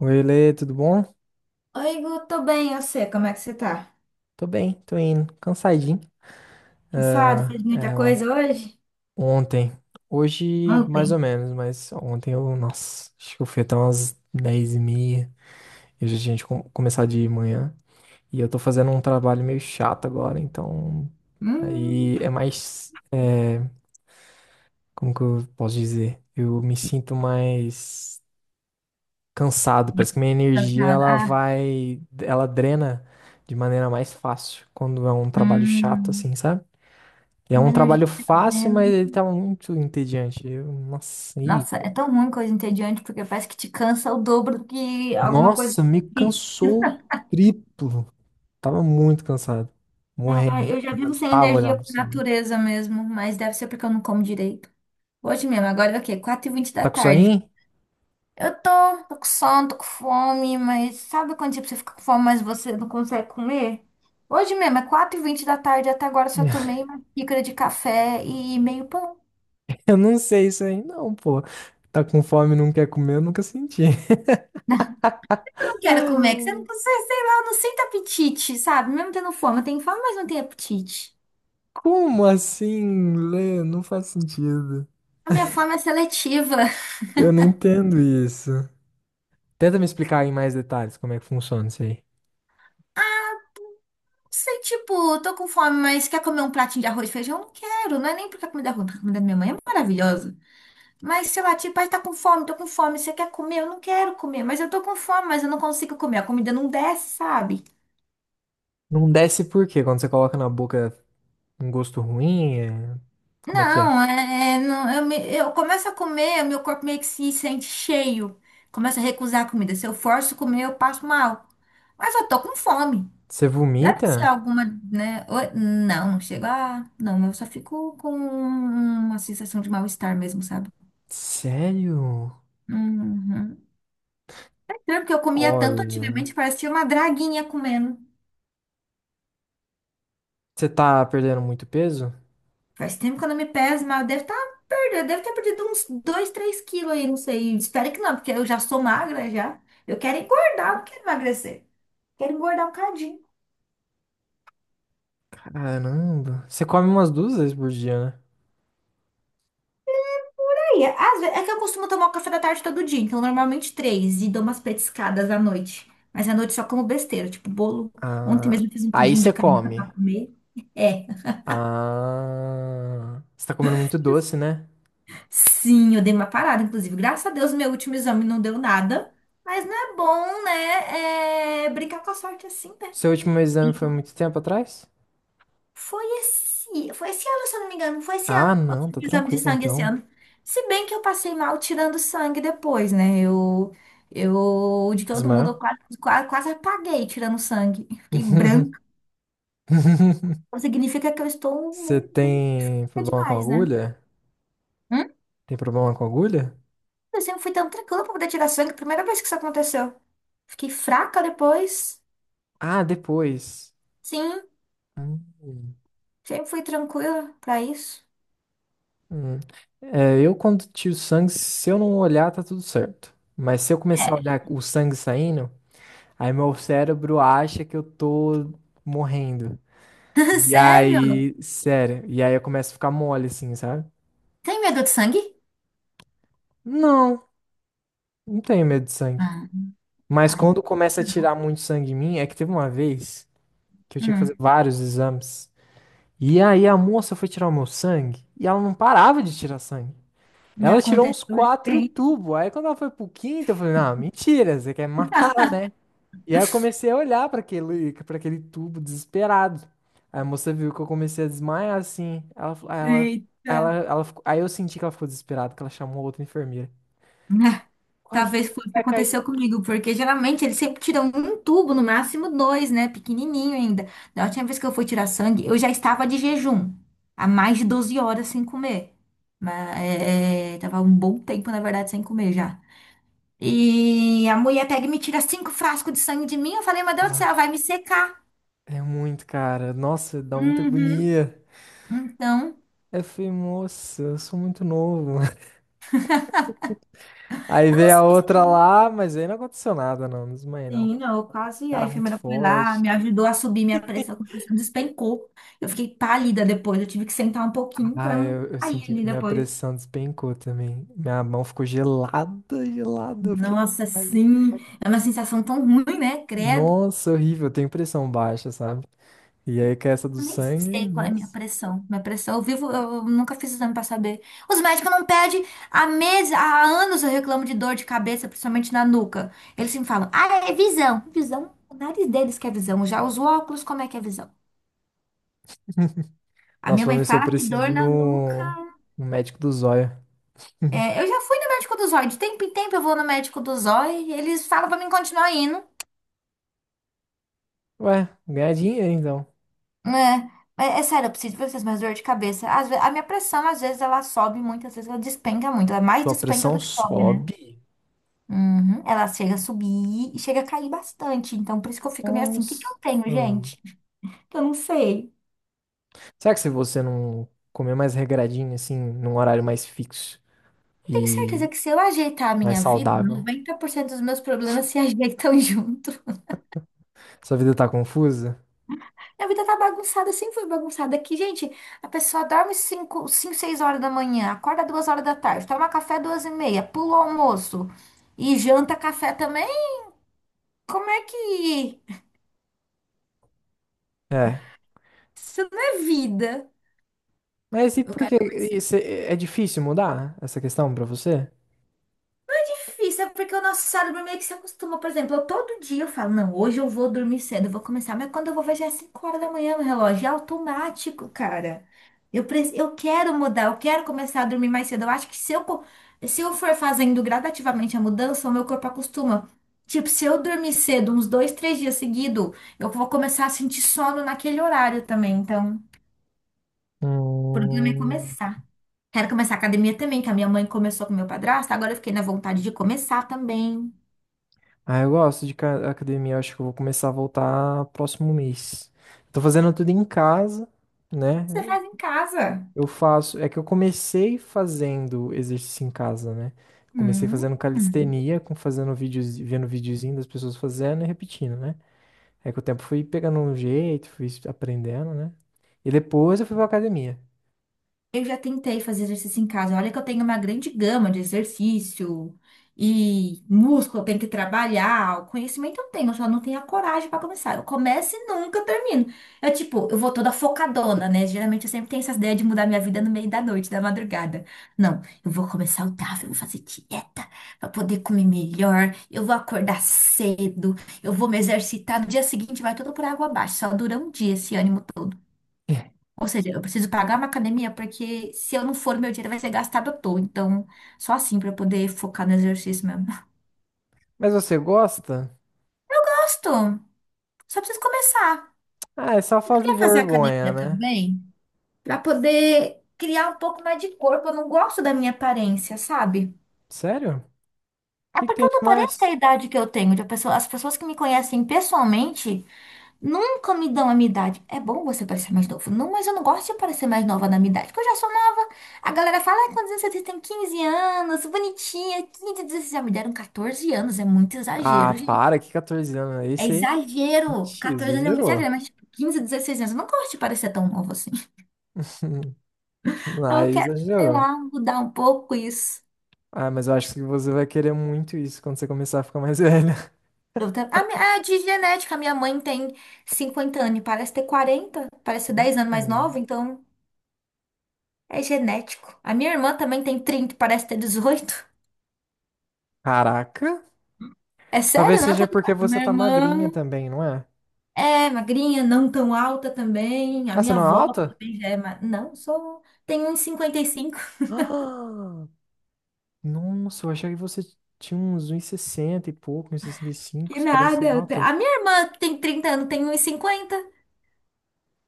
Oi, Lê, tudo bom? Oi, Gu, tô bem, eu sei, como é que você tá? Tô bem, tô indo. Cansadinho. Cansado? Fez Ah, muita é, on- coisa hoje? Ontem. Hoje, mais ou Ontem? menos, mas ontem eu, nossa, acho que eu fui até umas 10:30. Eu já tinha de começar de manhã. E eu tô fazendo um trabalho meio chato agora, então. Hum, Aí é mais. É, Como que eu posso dizer? Eu me sinto mais cansado. Parece que minha energia, cansado. ela Ah, vai. Ela drena de maneira mais fácil quando é um trabalho chato, hum, assim, sabe? É uma um energia trabalho que tá fácil, mas vendo. ele tava muito entediante. Nossa, é tão ruim coisa entediante, porque parece que te cansa o dobro do que alguma coisa Nossa, me difícil. cansou triplo. Tava muito cansado, Ah, morrendo. eu já Não vivo sem aguentava olhar energia pro por cima. natureza mesmo, mas deve ser porque eu não como direito. Hoje mesmo, agora é o quê? Quatro e vinte da Tá com tarde. soninho? Eu tô com sono, tô com fome, mas sabe quando tipo, você fica com fome, mas você não consegue comer? Hoje mesmo, é 4h20 da tarde, até agora eu só tomei uma xícara de café e meio pão. Eu não sei isso aí, não, pô. Tá com fome e não quer comer, eu nunca senti. Não quero comer, que você Ah, não consegue, sei lá, eu não sinto apetite, sabe? Mesmo tendo fome, eu tenho fome, mas não tenho apetite. Como assim, Lê? Não faz sentido. A minha fome é seletiva. Eu não entendo isso. Tenta me explicar em mais detalhes como é que funciona isso aí. Não sei, tipo, tô com fome, mas quer comer um pratinho de arroz e feijão? Não quero, não é nem porque a comida é ruim, porque a comida da minha mãe é maravilhosa. Mas se eu bater, pai, tá com fome, tô com fome, você quer comer? Eu não quero comer, mas eu tô com fome, mas eu não consigo comer, a comida não desce, sabe? Não desce por quê? Quando você coloca na boca um gosto ruim? Como é que é? Não, não, eu começo a comer, meu corpo meio que se sente cheio, começa a recusar a comida. Se eu forço comer, eu passo mal. Mas eu tô com fome. Você Deve ser vomita? alguma, né? Não, não chega. Ah, não, eu só fico com uma sensação de mal-estar mesmo, sabe? Sério? Uhum. É estranho, porque eu comia tanto Olha. antigamente, parecia uma draguinha comendo. Você tá perdendo muito peso? Faz tempo que eu não me peso, mas eu devo estar perdendo, devo ter perdido uns 2, 3 quilos aí, não sei. Espero que não, porque eu já sou magra já. Eu quero engordar, não quero emagrecer. Quero engordar um cadinho. Caramba. Você come umas duas vezes por dia, né? Aí, às vezes, é que eu costumo tomar o café da tarde todo dia, então normalmente três e dou umas petiscadas à noite. Mas à noite só como besteira, tipo bolo. Ontem Ah, mesmo eu fiz um aí pudim você de canela pra come. comer. É, Ah, você tá comendo muito doce, né? sim, eu dei uma parada, inclusive. Graças a Deus, meu último exame não deu nada. Mas não é bom, né? É, brincar com a sorte é assim, né? Seu último exame foi muito tempo atrás? Foi esse ano, se eu não me engano. Foi esse Ah, ano. Eu não, fiz tá o exame de tranquilo sangue esse então. ano. Se bem que eu passei mal tirando sangue depois, né? Eu de todo mundo, eu Desmaiou? quase, quase, quase apaguei tirando sangue. Fiquei branca. Significa que eu estou Você meio tem fraca problema com demais, né? agulha? Hum? Tem problema com agulha? Eu sempre fui tão tranquila pra poder tirar sangue. Primeira vez que isso aconteceu. Fiquei fraca depois. Ah, depois. Sim, Hum. sempre fui tranquila pra isso. Hum. É, eu quando tiro sangue, se eu não olhar, tá tudo certo. Mas se eu começar a É. olhar o sangue saindo, aí meu cérebro acha que eu tô morrendo. E Sério? aí, sério, e aí eu começo a ficar mole assim, sabe? Tem medo de sangue? Não, não tenho medo de sangue. Ah, Mas quando começa a tirar muito sangue em mim, é que teve uma vez que eu tinha que fazer ai. vários exames. E aí a moça foi tirar o meu sangue e ela não parava de tirar sangue. Me Ela tirou uns aconteceu quatro recente. tubos. Aí quando ela foi pro quinto, eu falei, não, mentira, você quer me matar, né? E aí eu comecei a olhar pra aquele tubo desesperado. Aí a moça viu que eu comecei a desmaiar assim. Ela, fa- aí ela, ela, Eita. ela ficou- Aí eu senti que ela ficou desesperada, que ela chamou outra enfermeira. Ah, Corre que talvez você foi o que vai cair. aconteceu comigo, porque geralmente eles sempre tiram um tubo, no máximo dois, né? Pequenininho ainda. Da última vez que eu fui tirar sangue, eu já estava de jejum, há mais de 12 horas sem comer. Mas tava um bom tempo, na verdade, sem comer já. E a mulher pega e me tira 5 frascos de sangue de mim. Eu falei, meu Deus do céu, Ah, vai me secar. é muito, cara. Nossa, dá muita Uhum. agonia. Então, Aí eu falei, moça, eu sou muito novo. Aí eu não veio a outra sei. lá, mas aí não aconteceu nada, não. Não desmaiei, não. Sim, não, quase. A Cara muito enfermeira foi lá, forte. me ajudou a subir minha pressão despencou. Eu fiquei pálida depois, eu tive que sentar um pouquinho para Ah, não eu cair senti ali que minha depois. pressão despencou também. Minha mão ficou gelada, gelada. Eu fiquei Nossa, mole. sim, é uma sensação tão ruim, né? Credo. Nossa, horrível. Eu tenho pressão baixa, sabe? E aí com essa do Eu nem sangue, sei qual é a minha nossa. pressão. Minha pressão, eu vivo, eu nunca fiz exame para saber. Os médicos não pedem. Há meses, há anos eu reclamo de dor de cabeça, principalmente na nuca. Eles sempre falam, ah, é visão. Visão, o nariz deles que é visão. Já os óculos, como é que é visão? A Nossa, minha mãe falando isso, eu fala que preciso dor ir na nuca. no, no médico do zóio. É, eu já fui no médico do zóio. De tempo em tempo eu vou no médico do zóio. E eles falam pra mim continuar indo. Ué, ganhar dinheiro então. Né? É, é sério, eu preciso de vocês, mas dor de cabeça. A minha pressão, às vezes, ela sobe muito, às vezes ela despenca muito. Ela é mais Sua despenca pressão do que sobe, né? sobe? Uhum. Ela chega a subir e chega a cair bastante. Então, por isso que eu fico meio assim, o que que Nossa. eu tenho, gente? Eu não sei. Será que se você não comer mais regradinho, assim, num horário mais fixo Eu tenho e certeza que se eu ajeitar a mais minha vida, saudável, 90% dos meus problemas se ajeitam junto. sua vida tá confusa? Minha vida tá bagunçada, sempre foi bagunçada. Aqui, gente, a pessoa dorme cinco, cinco, seis horas da manhã, acorda 2 horas da tarde, toma café 2 e meia, pula o almoço e janta café também? Como é que. É. Isso não é vida. Mas e Eu por que quero. isso é difícil mudar essa questão pra você? Difícil, é porque o nosso cérebro meio que se acostuma. Por exemplo, eu todo dia eu falo, não, hoje eu vou dormir cedo, eu vou começar. Mas quando eu vou ver, já é 5 horas da manhã no relógio. É automático, cara. Eu quero mudar, eu quero começar a dormir mais cedo. Eu acho que se eu for fazendo gradativamente a mudança, o meu corpo acostuma. Tipo, se eu dormir cedo, uns dois, três dias seguido, eu vou começar a sentir sono naquele horário também. Então, o problema é Hum. começar. Quero começar a academia também, que a minha mãe começou com o meu padrasto, agora eu fiquei na vontade de começar também. Ah, eu gosto de academia, eu acho que eu vou começar a voltar próximo mês. Tô fazendo tudo em casa, né? Você faz em casa. Eu faço, é que eu comecei fazendo exercício em casa, né? Comecei Hum. fazendo calistenia, com fazendo vídeos, vendo videozinho das pessoas fazendo e repetindo, né? É que o tempo fui pegando um jeito, fui aprendendo, né? E depois eu fui pra academia. Eu já tentei fazer exercício em casa. Olha que eu tenho uma grande gama de exercício e músculo, eu tenho que trabalhar. O conhecimento eu tenho, eu só não tenho a coragem para começar. Eu começo e nunca termino. Eu, tipo, eu vou toda focadona, né? Geralmente eu sempre tenho essas ideias de mudar minha vida no meio da noite, da madrugada. Não, eu vou comer saudável, eu vou fazer dieta para poder comer melhor. Eu vou acordar cedo, eu vou me exercitar. No dia seguinte vai tudo por água abaixo. Só dura um dia esse ânimo. Ou seja, eu preciso pagar uma academia porque se eu não for, meu dinheiro vai ser gastado à toa. Então, só assim para eu poder focar no exercício mesmo. Mas você gosta? Gosto, só preciso começar. Ah, é só Eu fazer queria fazer vergonha, academia né? também para poder criar um pouco mais de corpo. Eu não gosto da minha aparência, sabe? Sério? O É que que porque tem eu de não pareço ter a mais? idade que eu tenho. As pessoas que me conhecem pessoalmente nunca me dão a minha idade. É bom você parecer mais novo. Não, mas eu não gosto de parecer mais nova na minha idade, porque eu já sou nova. A galera fala, ai, quantos anos você tem? Tem 15 anos, bonitinha, 15, 16. Já me deram 14 anos, é muito Ah, exagero, gente. para, que 14 anos é É esse aí? exagero. Ixi, 14 anos é muito exagerou. exagero, mas tipo, 15, 16 anos. Eu não gosto de parecer tão nova assim. Aí Ah, eu quero, sei exagerou. lá, mudar um pouco isso. Ah, mas eu acho que você vai querer muito isso quando você começar a ficar mais velha. Eu tenho a de genética, a minha mãe tem 50 anos e parece ter 40, parece ser 10 anos mais nova, Hum. então. É genético. A minha irmã também tem 30, parece ter 18. Caraca. É Talvez sério? Não, tô... seja porque você Minha tá magrinha irmã também, não é? é magrinha, não tão alta também. A Ah, você minha não é avó alta? também já é ma... Não, sou... Tenho uns 55. Ah, nossa, eu achei que você tinha uns 1,60 e sessenta e pouco, um Que 1,65. Você parece nada. ser alta. A minha irmã que tem 30 anos, tem uns 50.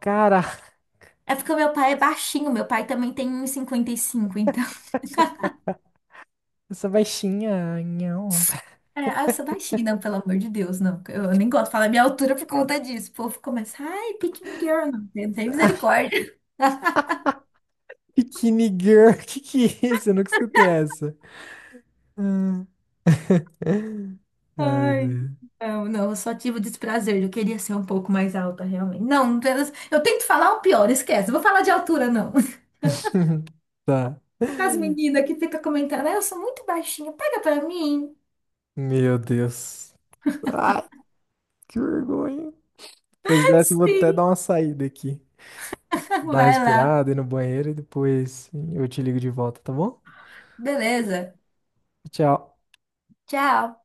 Cara, É porque o meu pai é baixinho. Meu pai também tem uns 55. Então... essa baixinha, não. É, ah, eu sou baixinha, não, pelo amor de Deus, não. Eu nem gosto de falar minha altura por conta disso. O povo começa, ai, pick me girl, não tem misericórdia. Bikini Girl, que é isso? Eu nunca escutei essa. Hum. Ai, Ai, meu. não, não, eu só tive o desprazer. Eu queria ser um pouco mais alta, realmente. Não, eu tento falar o pior, esquece. Não vou falar de altura, não. Tá. As meninas que ficam comentando, "Ah, eu sou muito baixinha, pega pra mim. Meu Deus. Ai, que vergonha. Depois dessa, eu vou até Sim, dar uma saída aqui. Dar uma vai lá. respirada, ir no banheiro e depois eu te ligo de volta, tá bom? Beleza. Tchau. Tchau.